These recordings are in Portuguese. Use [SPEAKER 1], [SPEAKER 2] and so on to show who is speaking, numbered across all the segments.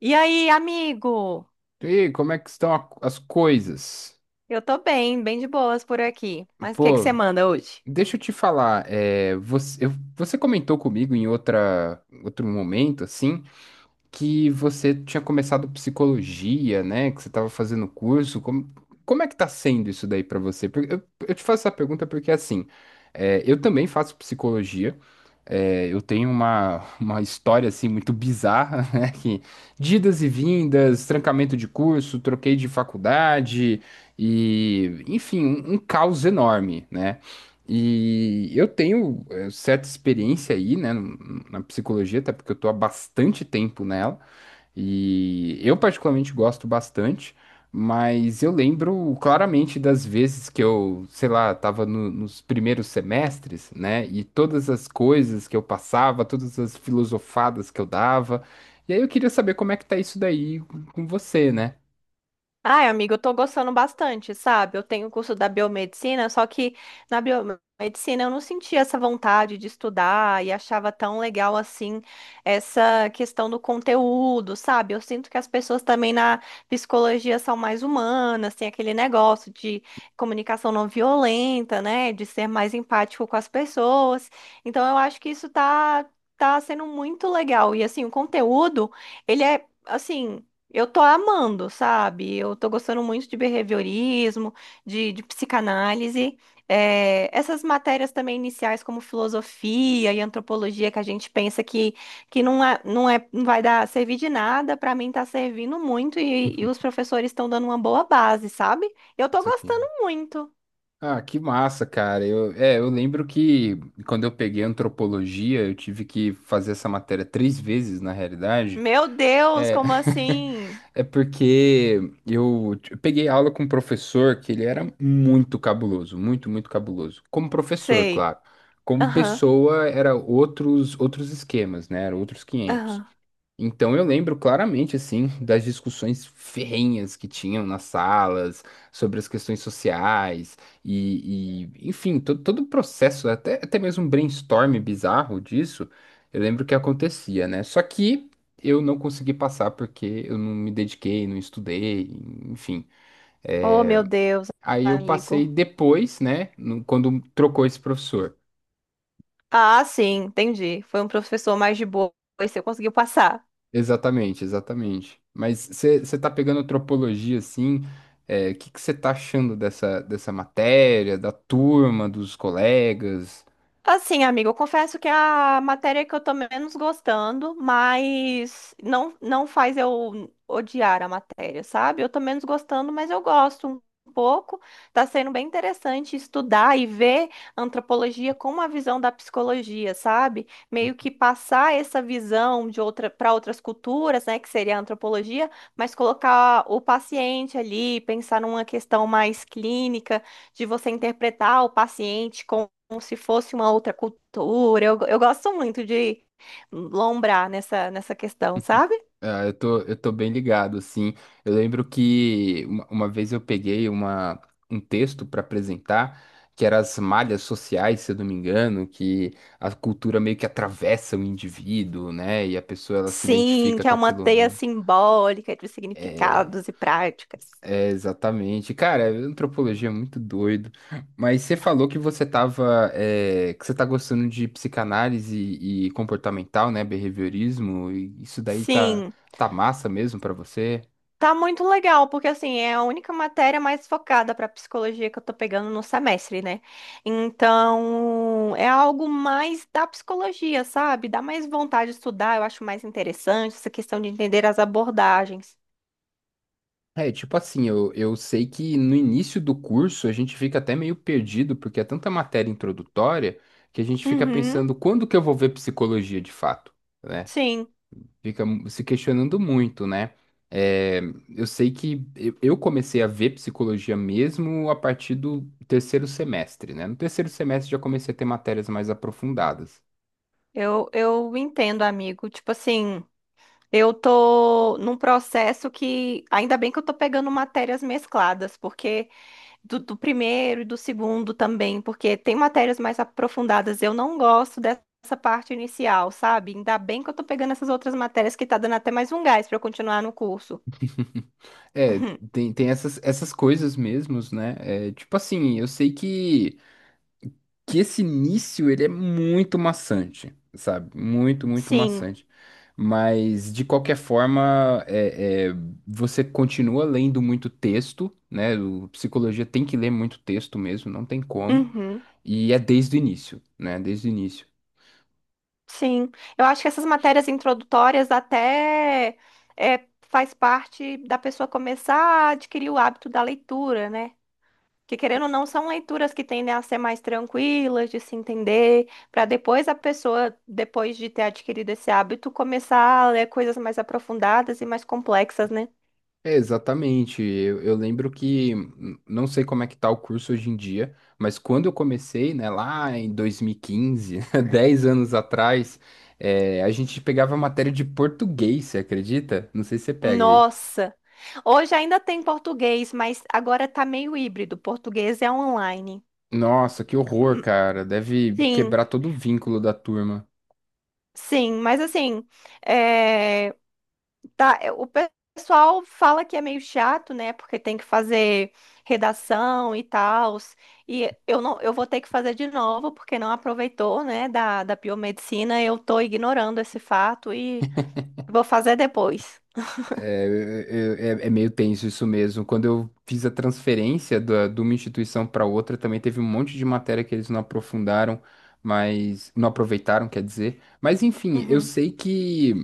[SPEAKER 1] E aí, amigo?
[SPEAKER 2] E aí, como é que estão as coisas?
[SPEAKER 1] Eu tô bem, bem de boas por aqui. Mas o que que você
[SPEAKER 2] Pô,
[SPEAKER 1] manda hoje?
[SPEAKER 2] deixa eu te falar, você comentou comigo em outro momento, assim, que você tinha começado psicologia, né? Que você estava fazendo curso. Como é que tá sendo isso daí para você? Porque eu te faço essa pergunta porque, assim, eu também faço psicologia. Eu tenho uma história, assim, muito bizarra, né? Que de idas e vindas, trancamento de curso, troquei de faculdade e, enfim, um caos enorme, né? E eu tenho certa experiência aí, né, na psicologia, até porque eu tô há bastante tempo nela, e eu particularmente gosto bastante, mas eu lembro claramente das vezes que eu, sei lá, tava nos primeiros semestres, né, e todas as coisas que eu passava, todas as filosofadas que eu dava, e aí eu queria saber como é que tá isso daí com você, né?
[SPEAKER 1] Ai, amiga, eu tô gostando bastante, sabe? Eu tenho o curso da biomedicina, só que na biomedicina eu não sentia essa vontade de estudar e achava tão legal assim essa questão do conteúdo, sabe? Eu sinto que as pessoas também na psicologia são mais humanas, tem aquele negócio de comunicação não violenta, né? De ser mais empático com as pessoas. Então eu acho que isso tá, tá sendo muito legal. E assim, o conteúdo, ele é. Assim, eu tô amando, sabe? Eu tô gostando muito de behaviorismo, de psicanálise. É, essas matérias também iniciais, como filosofia e antropologia, que a gente pensa que, que não é, não vai dar servir de nada, pra mim tá servindo muito e os professores estão dando uma boa base, sabe? Eu tô
[SPEAKER 2] Isso
[SPEAKER 1] gostando
[SPEAKER 2] aqui.
[SPEAKER 1] muito.
[SPEAKER 2] Ah, que massa, cara. Eu lembro que quando eu peguei antropologia, eu tive que fazer essa matéria três vezes, na realidade.
[SPEAKER 1] Meu Deus,
[SPEAKER 2] É,
[SPEAKER 1] como assim?
[SPEAKER 2] é porque eu peguei aula com um professor que ele era muito cabuloso, muito, muito cabuloso. Como professor,
[SPEAKER 1] Sei.
[SPEAKER 2] claro. Como
[SPEAKER 1] Aham,
[SPEAKER 2] pessoa, era outros esquemas, né? Era outros quinhentos.
[SPEAKER 1] aham.
[SPEAKER 2] Então eu lembro claramente assim das discussões ferrenhas que tinham nas salas sobre as questões sociais enfim, todo o processo, até mesmo um brainstorm bizarro disso, eu lembro que acontecia, né? Só que eu não consegui passar porque eu não me dediquei, não estudei, enfim.
[SPEAKER 1] Oh,
[SPEAKER 2] É,
[SPEAKER 1] meu Deus,
[SPEAKER 2] Aí eu passei
[SPEAKER 1] amigo.
[SPEAKER 2] depois, né, quando trocou esse professor.
[SPEAKER 1] Ah, sim, entendi. Foi um professor mais de boa e você conseguiu passar.
[SPEAKER 2] Exatamente, exatamente. Mas você está pegando antropologia assim, o que que você está achando dessa matéria, da turma, dos colegas?
[SPEAKER 1] Assim, amigo, eu confesso que é a matéria que eu tô menos gostando, mas não faz eu odiar a matéria, sabe? Eu tô menos gostando, mas eu gosto um pouco. Tá sendo bem interessante estudar e ver antropologia com uma visão da psicologia, sabe? Meio que passar essa visão de outra para outras culturas, né, que seria a antropologia, mas colocar o paciente ali, pensar numa questão mais clínica de você interpretar o paciente com como se fosse uma outra cultura. Eu gosto muito de lombrar nessa questão, sabe?
[SPEAKER 2] Ah, eu tô bem ligado, assim. Eu lembro que uma vez eu peguei um texto para apresentar, que era as malhas sociais, se eu não me engano, que a cultura meio que atravessa o indivíduo, né? E a pessoa ela se
[SPEAKER 1] Sim,
[SPEAKER 2] identifica
[SPEAKER 1] que
[SPEAKER 2] com
[SPEAKER 1] é uma
[SPEAKER 2] aquilo ou
[SPEAKER 1] teia
[SPEAKER 2] não.
[SPEAKER 1] simbólica de significados e práticas.
[SPEAKER 2] É, exatamente. Cara, antropologia é muito doido. Mas você falou que você tava, que você tá gostando de psicanálise e, comportamental, né? Behaviorismo. E isso daí tá,
[SPEAKER 1] Sim,
[SPEAKER 2] tá massa mesmo pra você?
[SPEAKER 1] tá muito legal, porque assim, é a única matéria mais focada para psicologia que eu tô pegando no semestre, né? Então, é algo mais da psicologia, sabe? Dá mais vontade de estudar, eu acho mais interessante essa questão de entender as abordagens.
[SPEAKER 2] Tipo assim, eu sei que no início do curso a gente fica até meio perdido, porque é tanta matéria introdutória que a gente fica
[SPEAKER 1] Uhum,
[SPEAKER 2] pensando quando que eu vou ver psicologia de fato, né?
[SPEAKER 1] sim.
[SPEAKER 2] Fica se questionando muito, né? É, eu sei que eu comecei a ver psicologia mesmo a partir do terceiro semestre, né? No terceiro semestre já comecei a ter matérias mais aprofundadas.
[SPEAKER 1] Eu entendo, amigo. Tipo assim, eu tô num processo que ainda bem que eu tô pegando matérias mescladas, porque do primeiro e do segundo também, porque tem matérias mais aprofundadas. Eu não gosto dessa parte inicial, sabe? Ainda bem que eu tô pegando essas outras matérias que tá dando até mais um gás pra eu continuar no curso.
[SPEAKER 2] É,
[SPEAKER 1] Uhum.
[SPEAKER 2] tem essas coisas mesmos, né? Tipo assim, eu sei que. Que esse início ele é muito maçante, sabe? Muito, muito
[SPEAKER 1] Sim.
[SPEAKER 2] maçante. Mas de qualquer forma, você continua lendo muito texto, né? O psicologia tem que ler muito texto mesmo, não tem como.
[SPEAKER 1] Uhum.
[SPEAKER 2] E é desde o início, né? Desde o início.
[SPEAKER 1] Sim, eu acho que essas matérias introdutórias até é, faz parte da pessoa começar a adquirir o hábito da leitura, né? Que querendo ou não, são leituras que tendem a ser mais tranquilas, de se entender, para depois a pessoa, depois de ter adquirido esse hábito, começar a ler coisas mais aprofundadas e mais complexas, né?
[SPEAKER 2] É, exatamente. Eu lembro que, não sei como é que tá o curso hoje em dia, mas quando eu comecei, né, lá em 2015, 10 anos atrás, a gente pegava matéria de português, você acredita? Não sei se você pega aí.
[SPEAKER 1] Nossa! Hoje ainda tem português, mas agora tá meio híbrido. Português é online.
[SPEAKER 2] Nossa, que horror, cara. Deve
[SPEAKER 1] Sim,
[SPEAKER 2] quebrar todo o vínculo da turma.
[SPEAKER 1] sim, mas assim. eh, Tá, é, o pessoal fala que é meio chato, né? Porque tem que fazer redação e tal. E eu não, eu vou ter que fazer de novo, porque não aproveitou, né, da biomedicina. Eu tô ignorando esse fato e vou fazer depois.
[SPEAKER 2] É meio tenso isso mesmo. Quando eu fiz a transferência de uma instituição para outra, também teve um monte de matéria que eles não aprofundaram, mas não aproveitaram, quer dizer. Mas enfim, eu
[SPEAKER 1] Uhum.
[SPEAKER 2] sei que,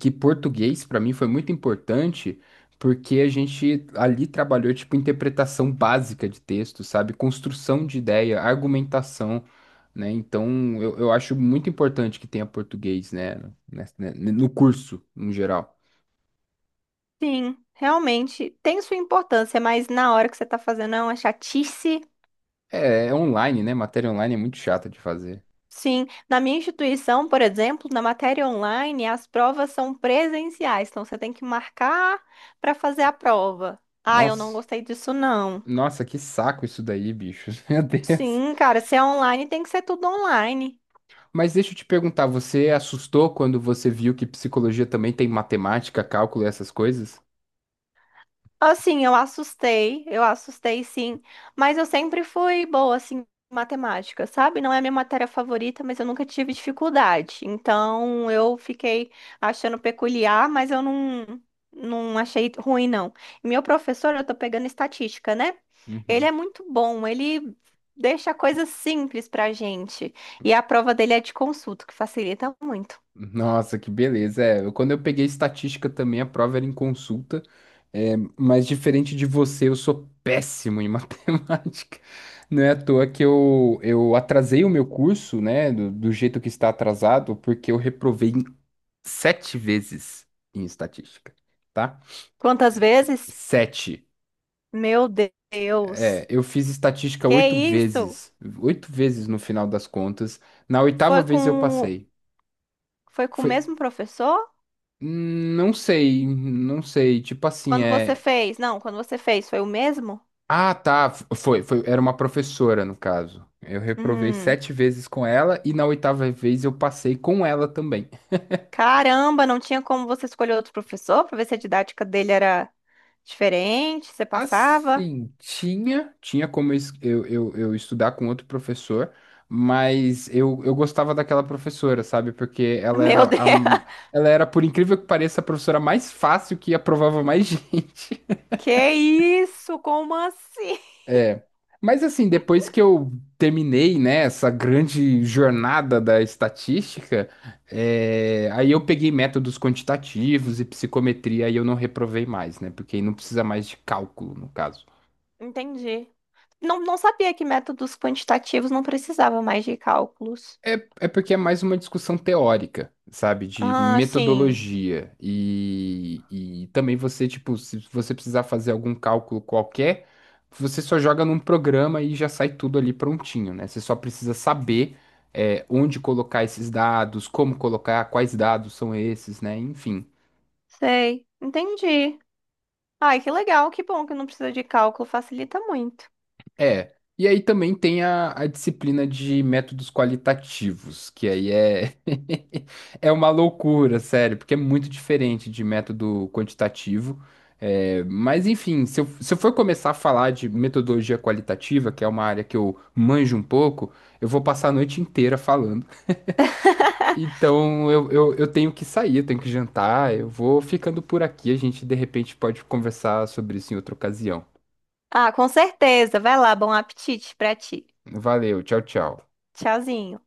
[SPEAKER 2] que português para mim foi muito importante, porque a gente ali trabalhou tipo interpretação básica de texto, sabe? Construção de ideia, argumentação, né? Então eu acho muito importante que tenha português, né? No curso, no geral.
[SPEAKER 1] Sim, realmente tem sua importância, mas na hora que você tá fazendo é uma chatice.
[SPEAKER 2] É online, né? Matéria online é muito chata de fazer.
[SPEAKER 1] Sim, na minha instituição, por exemplo, na matéria online, as provas são presenciais, então você tem que marcar para fazer a prova. Ah, eu não
[SPEAKER 2] Nossa,
[SPEAKER 1] gostei disso, não.
[SPEAKER 2] nossa, que saco isso daí, bicho. Meu Deus.
[SPEAKER 1] Sim, cara, se é online, tem que ser tudo online.
[SPEAKER 2] Mas deixa eu te perguntar, você assustou quando você viu que psicologia também tem matemática, cálculo e essas coisas?
[SPEAKER 1] Assim, eu assustei sim, mas eu sempre fui boa, assim, em matemática, sabe? Não é a minha matéria favorita, mas eu nunca tive dificuldade. Então, eu fiquei achando peculiar, mas eu não, não achei ruim, não. E meu professor, eu tô pegando estatística, né? Ele
[SPEAKER 2] Uhum.
[SPEAKER 1] é muito bom, ele deixa coisas simples pra gente. E a prova dele é de consulta, que facilita muito.
[SPEAKER 2] Nossa, que beleza. Quando eu peguei estatística também, a prova era em consulta. É, mas diferente de você, eu sou péssimo em matemática. Não é à toa que eu atrasei o meu curso, né? Do jeito que está atrasado, porque eu reprovei sete vezes em estatística, tá?
[SPEAKER 1] Quantas vezes?
[SPEAKER 2] Sete.
[SPEAKER 1] Meu Deus!
[SPEAKER 2] Eu fiz estatística
[SPEAKER 1] Que
[SPEAKER 2] oito
[SPEAKER 1] isso?
[SPEAKER 2] vezes, oito vezes no final das contas. Na oitava
[SPEAKER 1] Foi
[SPEAKER 2] vez eu
[SPEAKER 1] com.
[SPEAKER 2] passei.
[SPEAKER 1] Foi com o
[SPEAKER 2] Foi,
[SPEAKER 1] mesmo professor?
[SPEAKER 2] não sei, não sei. Tipo assim,
[SPEAKER 1] Quando você
[SPEAKER 2] é.
[SPEAKER 1] fez? Não, quando você fez, foi o mesmo?
[SPEAKER 2] Ah, tá. Foi, foi. Era uma professora no caso. Eu reprovei
[SPEAKER 1] Hum,
[SPEAKER 2] sete vezes com ela e na oitava vez eu passei com ela também.
[SPEAKER 1] caramba, não tinha como você escolher outro professor para ver se a didática dele era diferente, você passava?
[SPEAKER 2] Assim, tinha como eu, es- eu estudar com outro professor, mas eu gostava daquela professora, sabe? Porque
[SPEAKER 1] Meu Deus,
[SPEAKER 2] ela era, por incrível que pareça, a professora mais fácil que aprovava mais gente.
[SPEAKER 1] que isso? Como assim?
[SPEAKER 2] É. Mas assim, depois que eu terminei, né, essa grande jornada da estatística, aí eu peguei métodos quantitativos e psicometria e eu não reprovei mais, né? Porque aí não precisa mais de cálculo, no caso.
[SPEAKER 1] Entendi. Não, não sabia que métodos quantitativos não precisava mais de cálculos.
[SPEAKER 2] É, É porque é mais uma discussão teórica, sabe? De
[SPEAKER 1] Ah, sim,
[SPEAKER 2] metodologia. E também você, tipo, se você precisar fazer algum cálculo qualquer, você só joga num programa e já sai tudo ali prontinho, né? Você só precisa saber, onde colocar esses dados, como colocar, quais dados são esses, né? Enfim.
[SPEAKER 1] sei, entendi. Ai, que legal, que bom que não precisa de cálculo, facilita muito.
[SPEAKER 2] É. E aí também tem a disciplina de métodos qualitativos, que aí é é uma loucura, sério, porque é muito diferente de método quantitativo. Mas enfim, se eu for começar a falar de metodologia qualitativa, que é uma área que eu manjo um pouco, eu vou passar a noite inteira falando. Então eu tenho que sair, eu tenho que jantar, eu vou ficando por aqui. A gente de repente pode conversar sobre isso em outra ocasião.
[SPEAKER 1] Ah, com certeza. Vai lá, bom apetite pra ti.
[SPEAKER 2] Valeu, tchau, tchau.
[SPEAKER 1] Tchauzinho.